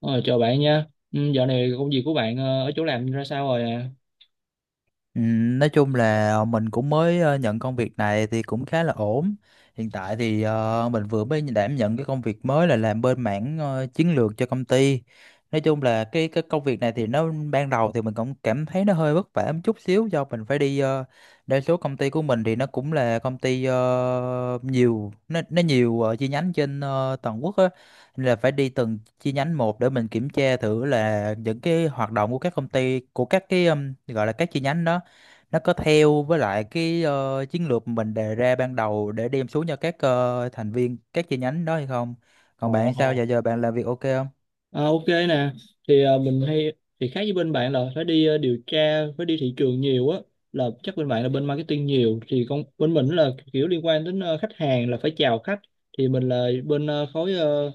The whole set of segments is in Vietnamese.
Ờ, Chào bạn nha. Dạo này công việc của bạn ở chỗ làm ra sao rồi à? Ừ, nói chung là mình cũng mới nhận công việc này thì cũng khá là ổn. Hiện tại thì mình vừa mới đảm nhận cái công việc mới là làm bên mảng chiến lược cho công ty. Nói chung là cái công việc này thì nó ban đầu thì mình cũng cảm thấy nó hơi vất vả một chút xíu do mình phải đi đa số công ty của mình thì nó cũng là công ty nhiều nó nhiều chi nhánh trên toàn quốc á, nên là phải đi từng chi nhánh một để mình kiểm tra thử là những cái hoạt động của các công ty của các cái, gọi là các chi nhánh đó nó có theo với lại cái chiến lược mình đề ra ban đầu để đem xuống cho các thành viên các chi nhánh đó hay không. Còn Ồ, bạn sao giờ ồ. giờ bạn làm việc ok không? À, Ok nè. Thì ờ, mình hay Thì khác với bên bạn là phải đi điều tra, phải đi thị trường nhiều á. Là chắc bên bạn là bên marketing nhiều. Thì con bên mình là kiểu liên quan đến khách hàng là phải chào khách. Thì mình là bên khối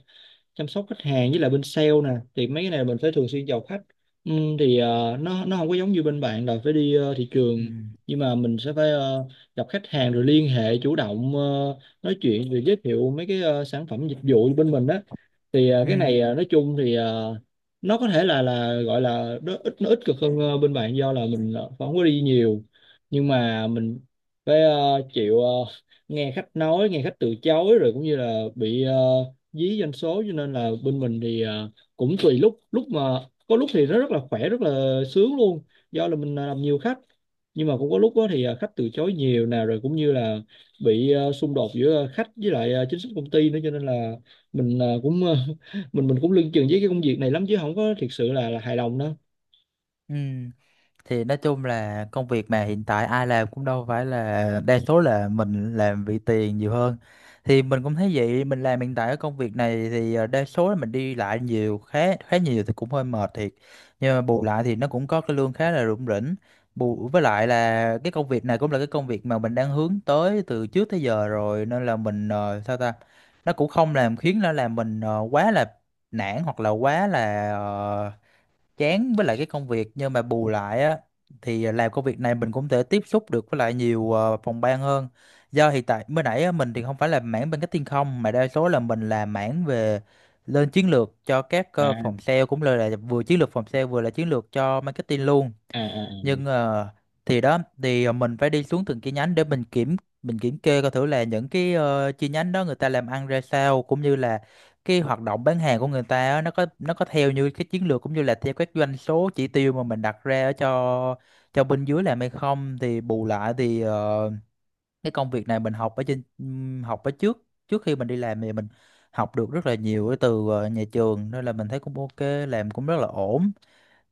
chăm sóc khách hàng với lại bên sale nè, thì mấy cái này mình phải thường xuyên chào khách. Ừ, nó không có giống như bên bạn là phải đi thị Ừ. trường, nhưng mà mình sẽ phải gặp khách hàng rồi liên hệ chủ động, nói chuyện rồi giới thiệu mấy cái sản phẩm dịch vụ bên mình đó. Thì ờ, cái này Ừ, ờ, Nói chung nó có thể là gọi là nó ít cực hơn bên bạn do là mình không có đi nhiều, nhưng mà mình phải chịu, nghe khách nói, nghe khách từ chối rồi cũng như là bị dí doanh số. Cho nên là bên mình cũng tùy lúc, lúc mà có lúc thì nó rất là khỏe, rất là sướng luôn do là mình làm nhiều khách. Nhưng mà cũng có lúc đó thì khách từ chối nhiều nào, rồi cũng như là bị xung đột giữa khách với lại chính sách công ty nữa, cho nên là mình mình cũng lưng chừng với cái công việc này lắm chứ không có thực sự là hài lòng đâu. ừ, thì nói chung là công việc mà hiện tại ai làm cũng đâu phải, là đa số là mình làm vì tiền nhiều hơn. Thì mình cũng thấy vậy. Mình làm hiện tại ở công việc này thì đa số là mình đi lại nhiều, khá khá nhiều thì cũng hơi mệt thiệt. Nhưng mà bù lại thì nó cũng có cái lương khá là rủng rỉnh. Bù với lại là cái công việc này cũng là cái công việc mà mình đang hướng tới từ trước tới giờ rồi, nên là mình sao ta, nó cũng không làm khiến nó làm mình quá là nản hoặc là quá là chán với lại cái công việc. Nhưng mà bù lại á, thì làm công việc này mình cũng thể tiếp xúc được với lại nhiều phòng ban hơn. Do hiện tại mới nãy á, mình thì không phải là mảng bên cái thiên không mà đa số là mình làm mảng về lên chiến lược cho các à phòng sale, cũng là vừa chiến lược phòng sale vừa là chiến lược cho marketing luôn. à à Nhưng à. Thì đó, thì mình phải đi xuống từng chi nhánh để mình kiểm kê coi thử là những cái chi nhánh đó người ta làm ăn ra sao, cũng như là cái hoạt động bán hàng của người ta á, nó có theo như cái chiến lược cũng như là theo các doanh số chỉ tiêu mà mình đặt ra ở cho bên dưới làm hay không. Thì bù lại thì cái công việc này mình học ở trên, học ở trước trước khi mình đi làm thì mình học được rất là nhiều từ nhà trường, nên là mình thấy cũng ok, làm cũng rất là ổn.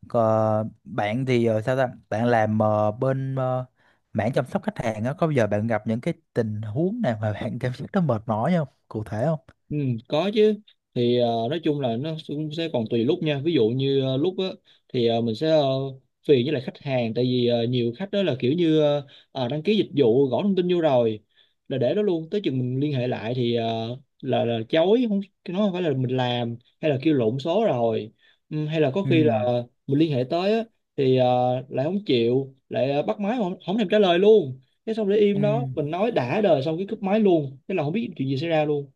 Còn bạn thì sao ta? Bạn làm bên mảng chăm sóc khách hàng á, có bao giờ bạn gặp những cái tình huống nào mà bạn cảm giác nó mệt mỏi không? Cụ thể không? Ừ, có chứ. Nói chung là nó cũng sẽ còn tùy lúc nha. Ví dụ như lúc á thì ờ, mình sẽ ờ, phiền với lại khách hàng, tại vì nhiều khách đó là kiểu như, đăng ký dịch vụ gõ thông tin vô rồi là để đó luôn, tới chừng mình liên hệ lại là chối. Không, nó không phải là mình làm hay là kêu lộn số rồi. Ừ, hay là có khi Ừ, là mình liên hệ tới á thì ờ, lại không chịu, lại bắt máy mà không thèm trả lời luôn. Thế xong để ừ, im đó, mình nói đã đời xong cái cúp máy luôn, thế là không biết chuyện gì xảy ra luôn.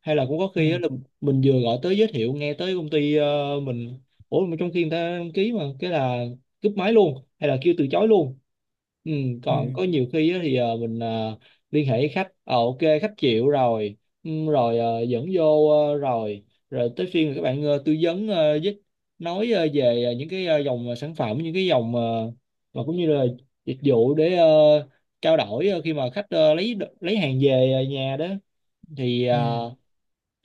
Hay là cũng có ừ, khi á là mình vừa gọi tới giới thiệu nghe tới công ty mình, ủa mà trong khi người ta đăng ký mà cái là cúp máy luôn hay là kêu từ chối luôn. Ừ, ừ, còn có nhiều khi á thì ờ, mình ờ, liên hệ với khách, ok khách chịu rồi. Ừ, rồi dẫn vô, rồi rồi tới phiên các bạn tư vấn với nói về những cái dòng sản phẩm, những cái dòng mà cũng như là dịch vụ để trao đổi khi mà khách lấy hàng về nhà đó. Thì ừ, ờ,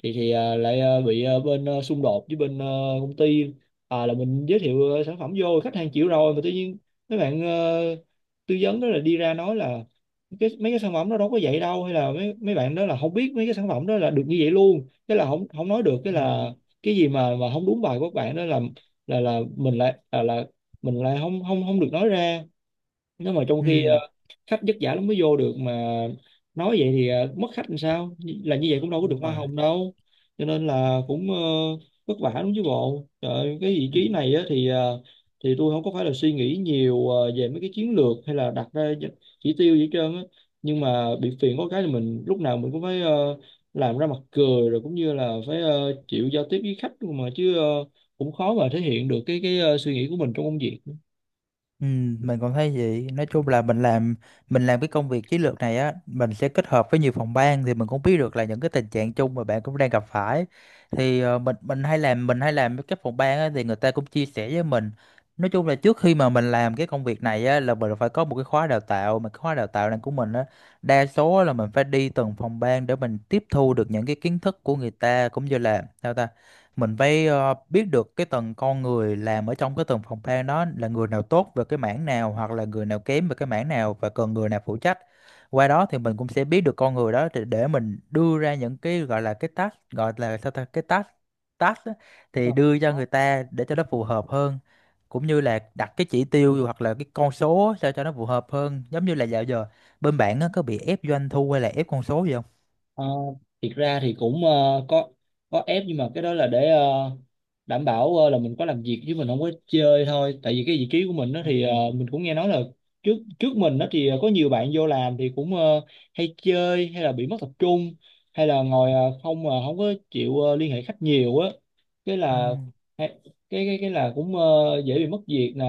thì à, Lại bị bên xung đột với bên công ty. Là mình giới thiệu sản phẩm vô, khách hàng chịu rồi mà tự nhiên mấy bạn tư vấn đó là đi ra nói là cái mấy cái sản phẩm đó đâu có vậy đâu, hay là mấy mấy bạn đó là không biết mấy cái sản phẩm đó là được như vậy luôn, cái là không không nói được. Cái ừ, là cái gì mà không đúng bài của các bạn đó, là là mình lại là mình lại không không không được nói ra. Nếu mà trong khi ừ, khách vất vả lắm mới vô được mà nói vậy thì mất khách làm sao, là như vậy cũng đâu có được đúng hoa rồi. hồng đâu. Cho nên là cũng vất vả lắm chứ bộ. Trời ơi, cái vị trí này á, thì tôi không có phải là suy nghĩ nhiều về mấy cái chiến lược hay là đặt ra những chỉ tiêu gì hết trơn á. Nhưng mà bị phiền có cái là mình lúc nào mình cũng phải làm ra mặt cười, rồi cũng như là phải chịu giao tiếp với khách luôn mà chứ. Ờ, Cũng khó mà thể hiện được cái suy nghĩ của mình trong công việc. Ừ, mình cũng thấy vậy. Nói chung là mình làm cái công việc chiến lược này á, mình sẽ kết hợp với nhiều phòng ban thì mình cũng biết được là những cái tình trạng chung mà bạn cũng đang gặp phải. Thì mình hay làm với các phòng ban á thì người ta cũng chia sẻ với mình. Nói chung là trước khi mà mình làm cái công việc này á là mình phải có một cái khóa đào tạo, mà cái khóa đào tạo này của mình á, đa số là mình phải đi từng phòng ban để mình tiếp thu được những cái kiến thức của người ta, cũng như là sao ta, mình phải biết được cái tầng con người làm ở trong cái tầng phòng ban đó là người nào tốt về cái mảng nào hoặc là người nào kém về cái mảng nào và cần người nào phụ trách. Qua đó thì mình cũng sẽ biết được con người đó để mình đưa ra những cái gọi là cái task, gọi là sao ta, cái task task á, thì đưa cho người ta để cho nó phù hợp hơn. Cũng như là đặt cái chỉ tiêu hoặc là cái con số sao cho nó phù hợp hơn. Giống như là dạo giờ bên bạn á, có bị ép doanh thu hay là ép con số gì không? Ờ, thiệt ra thì cũng có có ép, nhưng mà cái đó là để đảm bảo là mình có làm việc chứ mình không có chơi thôi. Tại vì cái vị trí của mình đó Ừ. Mình cũng nghe nói là trước trước mình đó có nhiều bạn vô làm thì cũng hay chơi, hay là bị mất tập trung, hay là ngồi không mà không có chịu liên hệ khách nhiều á. Cái Ừ. là hay- cái là cũng dễ bị mất việc nè.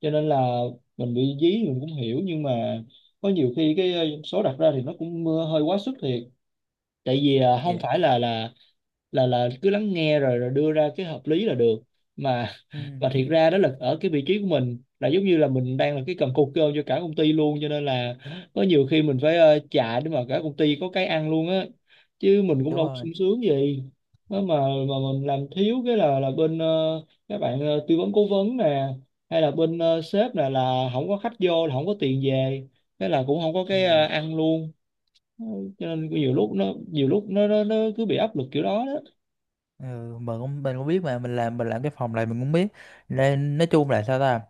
Cho nên là mình bị dí mình cũng hiểu, nhưng mà có nhiều khi cái số đặt ra thì nó cũng hơi quá sức thiệt. Tại vì không Dạ. phải là cứ lắng nghe rồi rồi đưa ra cái hợp lý là được mà. Ừ. Mà thiệt ra đó là ở cái vị trí của mình là giống như là mình đang là cái cần cột cơm cho cả công ty luôn, cho nên là có nhiều khi mình phải chạy để mà cả công ty có cái ăn luôn á, chứ mình cũng Đúng đâu có rồi. sung sướng gì. Đó mà mình làm thiếu cái là bên các bạn tư vấn cố vấn nè, hay là bên sếp nè, là không có khách vô là không có tiền về, thế là cũng không có Ừ. cái ăn luôn. Ừ, cho nên nhiều lúc nó, nó cứ bị áp lực kiểu đó đó. Ừ, mình cũng biết mà mình làm cái phòng này, mình cũng biết, nên nói chung là sao ta,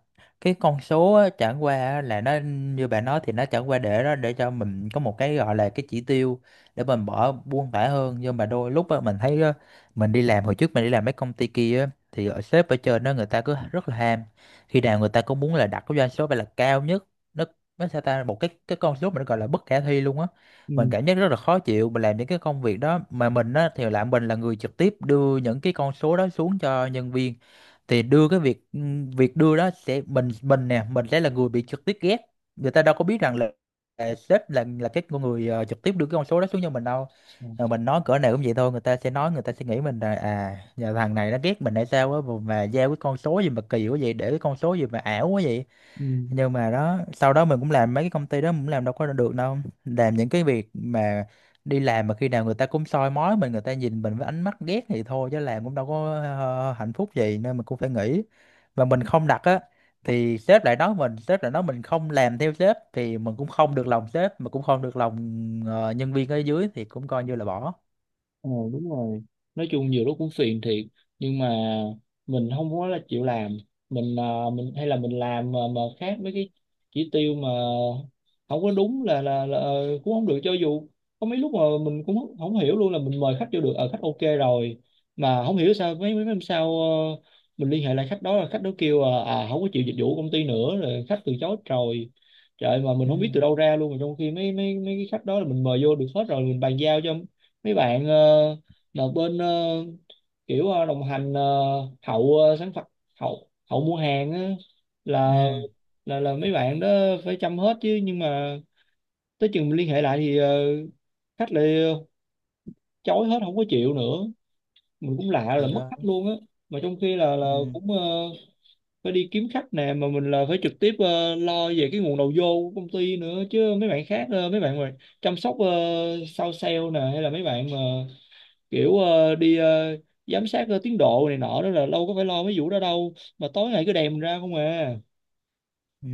cái con số á, chẳng qua á, là nó như bạn nói, thì nó chẳng qua để đó để cho mình có một cái gọi là cái chỉ tiêu, để mình bỏ buông thả hơn. Nhưng mà đôi lúc á, mình thấy á, mình đi làm hồi trước, mình đi làm mấy công ty kia á, thì ở sếp ở trên đó người ta cứ rất là ham. Khi nào người ta cũng muốn là đặt cái doanh số phải là cao nhất. Nó nó sao ta, một cái con số mà nó gọi là bất khả thi luôn á. Ừ. Mình cảm giác rất là khó chịu. Mình làm những cái công việc đó mà mình á thì là mình là người trực tiếp đưa những cái con số đó xuống cho nhân viên. Thì đưa cái việc, ừ, việc đưa đó sẽ, mình nè, mình sẽ là người bị trực tiếp ghét. Người ta đâu có biết rằng là sếp, là cái con người trực tiếp đưa cái con số đó xuống cho mình đâu. Mình nói cỡ nào cũng vậy thôi, người ta sẽ nói, người ta sẽ nghĩ mình là, à, nhà thằng này nó ghét mình hay sao á, mà giao cái con số gì mà kỳ quá vậy, để cái con số gì mà ảo quá vậy. Ừ. Nhưng mà đó, sau đó mình cũng làm mấy cái công ty đó, mình cũng làm đâu có được đâu. Làm những cái việc mà đi làm mà khi nào người ta cũng soi mói mình, người ta nhìn mình với ánh mắt ghét thì thôi, chứ làm cũng đâu có hạnh phúc gì, nên mình cũng phải nghỉ. Và mình không đặt á, thì sếp lại nói mình không làm theo sếp, thì mình cũng không được lòng sếp mà cũng không được lòng nhân viên ở dưới, thì cũng coi như là bỏ. Ờ đúng rồi, nói chung nhiều lúc cũng phiền thiệt, nhưng mà mình không có là chịu làm. Mình à, mình hay là Mình làm mà khác mấy cái chỉ tiêu mà không có đúng là cũng không được. Cho dù có mấy lúc mà mình cũng không không hiểu luôn là mình mời khách vô được ở khách ok rồi mà không hiểu sao mấy mấy năm sau mình liên hệ lại khách đó, là khách đó kêu à không có chịu dịch vụ công ty nữa rồi, khách từ chối rồi. Trời, mà mình Ừ, không biết từ đâu ra luôn, mà trong khi mấy mấy mấy cái khách đó là mình mời vô được hết rồi, mình bàn giao cho mấy bạn ờ, là bên kiểu đồng hành hậu sản phẩm, hậu hậu mua hàng á, là ừ. là mấy bạn đó phải chăm hết chứ. Nhưng mà tới chừng mình liên hệ lại khách lại chối hết, không có chịu nữa. Mình cũng lạ là Thì mất đó. khách luôn á. Mà trong khi là Ừ. cũng phải đi kiếm khách nè, mà mình là phải trực tiếp lo về cái nguồn đầu vô của công ty nữa, chứ mấy bạn khác mấy bạn mà chăm sóc sau sale nè, hay là mấy bạn mà kiểu đi giám sát tiến độ này nọ đó là đâu có phải lo mấy vụ đó đâu, mà tối ngày cứ đèm ra không à. Ừ.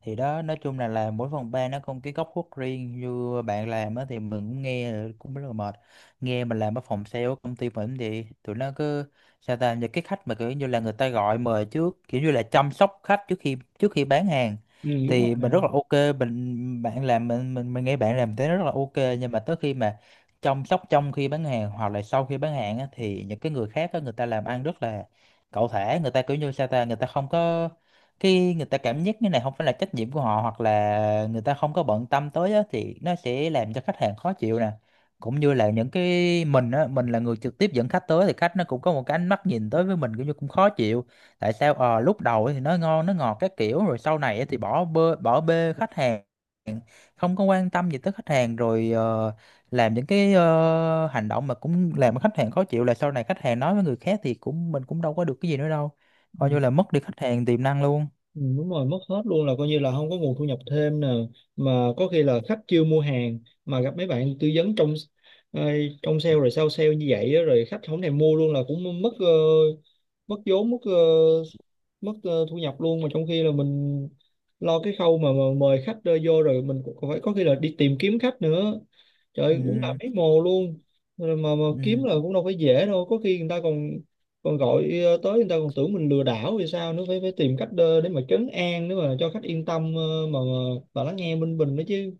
Thì đó, nói chung là làm mỗi phòng ban nó có một cái góc khuất riêng. Như bạn làm á thì mình cũng nghe là cũng rất là mệt. Nghe mình làm ở phòng sale ở công ty mình thì tụi nó cứ sao ta, những cái khách mà kiểu như là người ta gọi mời trước, kiểu như là chăm sóc khách trước khi bán hàng, Ừ, đúng rồi thì nè. mình rất là ok. Mình bạn làm, mình nghe bạn làm thế rất là ok. Nhưng mà tới khi mà chăm sóc trong khi bán hàng hoặc là sau khi bán hàng á, thì những cái người khác á, người ta làm ăn rất là cẩu thả, người ta kiểu như sao ta, người ta không có, khi người ta cảm giác như này không phải là trách nhiệm của họ hoặc là người ta không có bận tâm tới á, thì nó sẽ làm cho khách hàng khó chịu nè. Cũng như là những cái mình á, mình là người trực tiếp dẫn khách tới thì khách nó cũng có một cái ánh mắt nhìn tới với mình cũng như cũng khó chịu. Tại sao lúc đầu thì nó ngon nó ngọt các kiểu, rồi sau này thì bỏ bê, bỏ bê khách hàng, không có quan tâm gì tới khách hàng, rồi làm những cái hành động mà cũng làm cho khách hàng khó chịu, là sau này khách hàng nói với người khác thì cũng mình cũng đâu có được cái gì nữa đâu, Ừ, coi như là mất đi khách hàng tiềm năng luôn. ừ, đúng rồi, mất hết luôn, là coi như là không có nguồn thu nhập thêm nè. Mà có khi là khách chưa mua hàng mà gặp mấy bạn tư vấn trong ờ, trong sale rồi sau sale như vậy á, rồi khách không thèm mua luôn là cũng mất mất vốn, mất thu nhập luôn. Mà trong khi là mình lo cái khâu mà mời khách vô rồi mình cũng phải có khi là đi tìm kiếm khách nữa, trời cũng là Ừ, mấy mồ luôn. Rồi mà kiếm ừ, là cũng đâu phải dễ đâu, có khi người ta còn còn gọi tới người ta còn tưởng mình lừa đảo thì sao nữa, phải phải tìm cách để mà trấn an nữa mà cho khách yên tâm, mà lắng nghe bên mình đó chứ.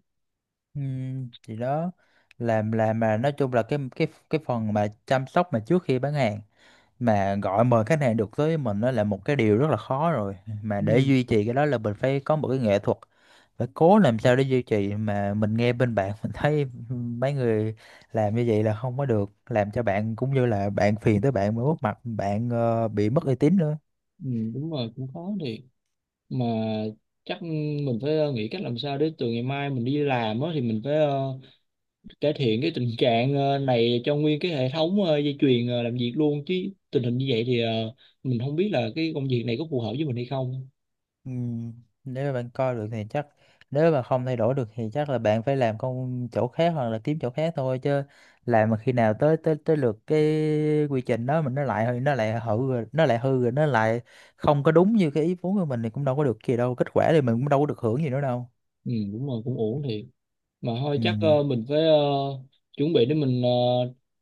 ừ, thì đó. Làm mà nói chung là cái phần mà chăm sóc mà trước khi bán hàng, mà gọi mời khách hàng được tới mình, đó là một cái điều rất là khó rồi. Mà Ừ, để duy trì cái đó là mình phải có một cái nghệ thuật, phải cố làm sao để duy trì. Mà mình nghe bên bạn mình thấy mấy người làm như vậy là không có được, làm cho bạn cũng như là bạn, phiền tới bạn mà mất mặt bạn, bị mất uy tín nữa. ừ, đúng rồi, cũng khó thiệt mà. Chắc mình phải nghĩ cách làm sao để từ ngày mai mình đi làm á thì mình phải cải thiện cái tình trạng này cho nguyên cái hệ thống dây chuyền làm việc luôn chứ. Tình hình như vậy mình không biết là cái công việc này có phù hợp với mình hay không. Ừ, nếu mà bạn coi được thì chắc, nếu mà không thay đổi được thì chắc là bạn phải làm công chỗ khác hoặc là kiếm chỗ khác thôi chứ. Làm mà khi nào tới tới tới lượt cái quy trình đó mình, nó lại hư rồi, nó lại hư rồi, nó lại không có đúng như cái ý muốn của mình thì cũng đâu có được gì đâu, kết quả thì mình cũng đâu có được hưởng gì nữa đâu. Ừ, đúng rồi, cũng ổn thiệt mà. Thôi chắc Ừ, mình phải chuẩn bị để mình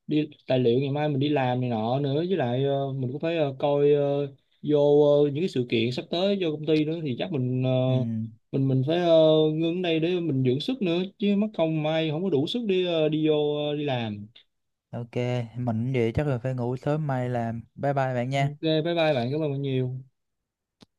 đi tài liệu ngày mai mình đi làm này nọ nữa, với lại mình cũng phải coi vô những cái sự kiện sắp tới vô công ty nữa, thì chắc mình ờ, ừ, mình mình phải ngưng ở đây để mình dưỡng sức nữa, chứ mất công mai không có đủ sức đi đi vô đi làm. ok. Mình vậy chắc là phải ngủ sớm mai làm. Bye bye bạn Ừ, nha. ok bye bye bạn, cảm ơn bạn nhiều.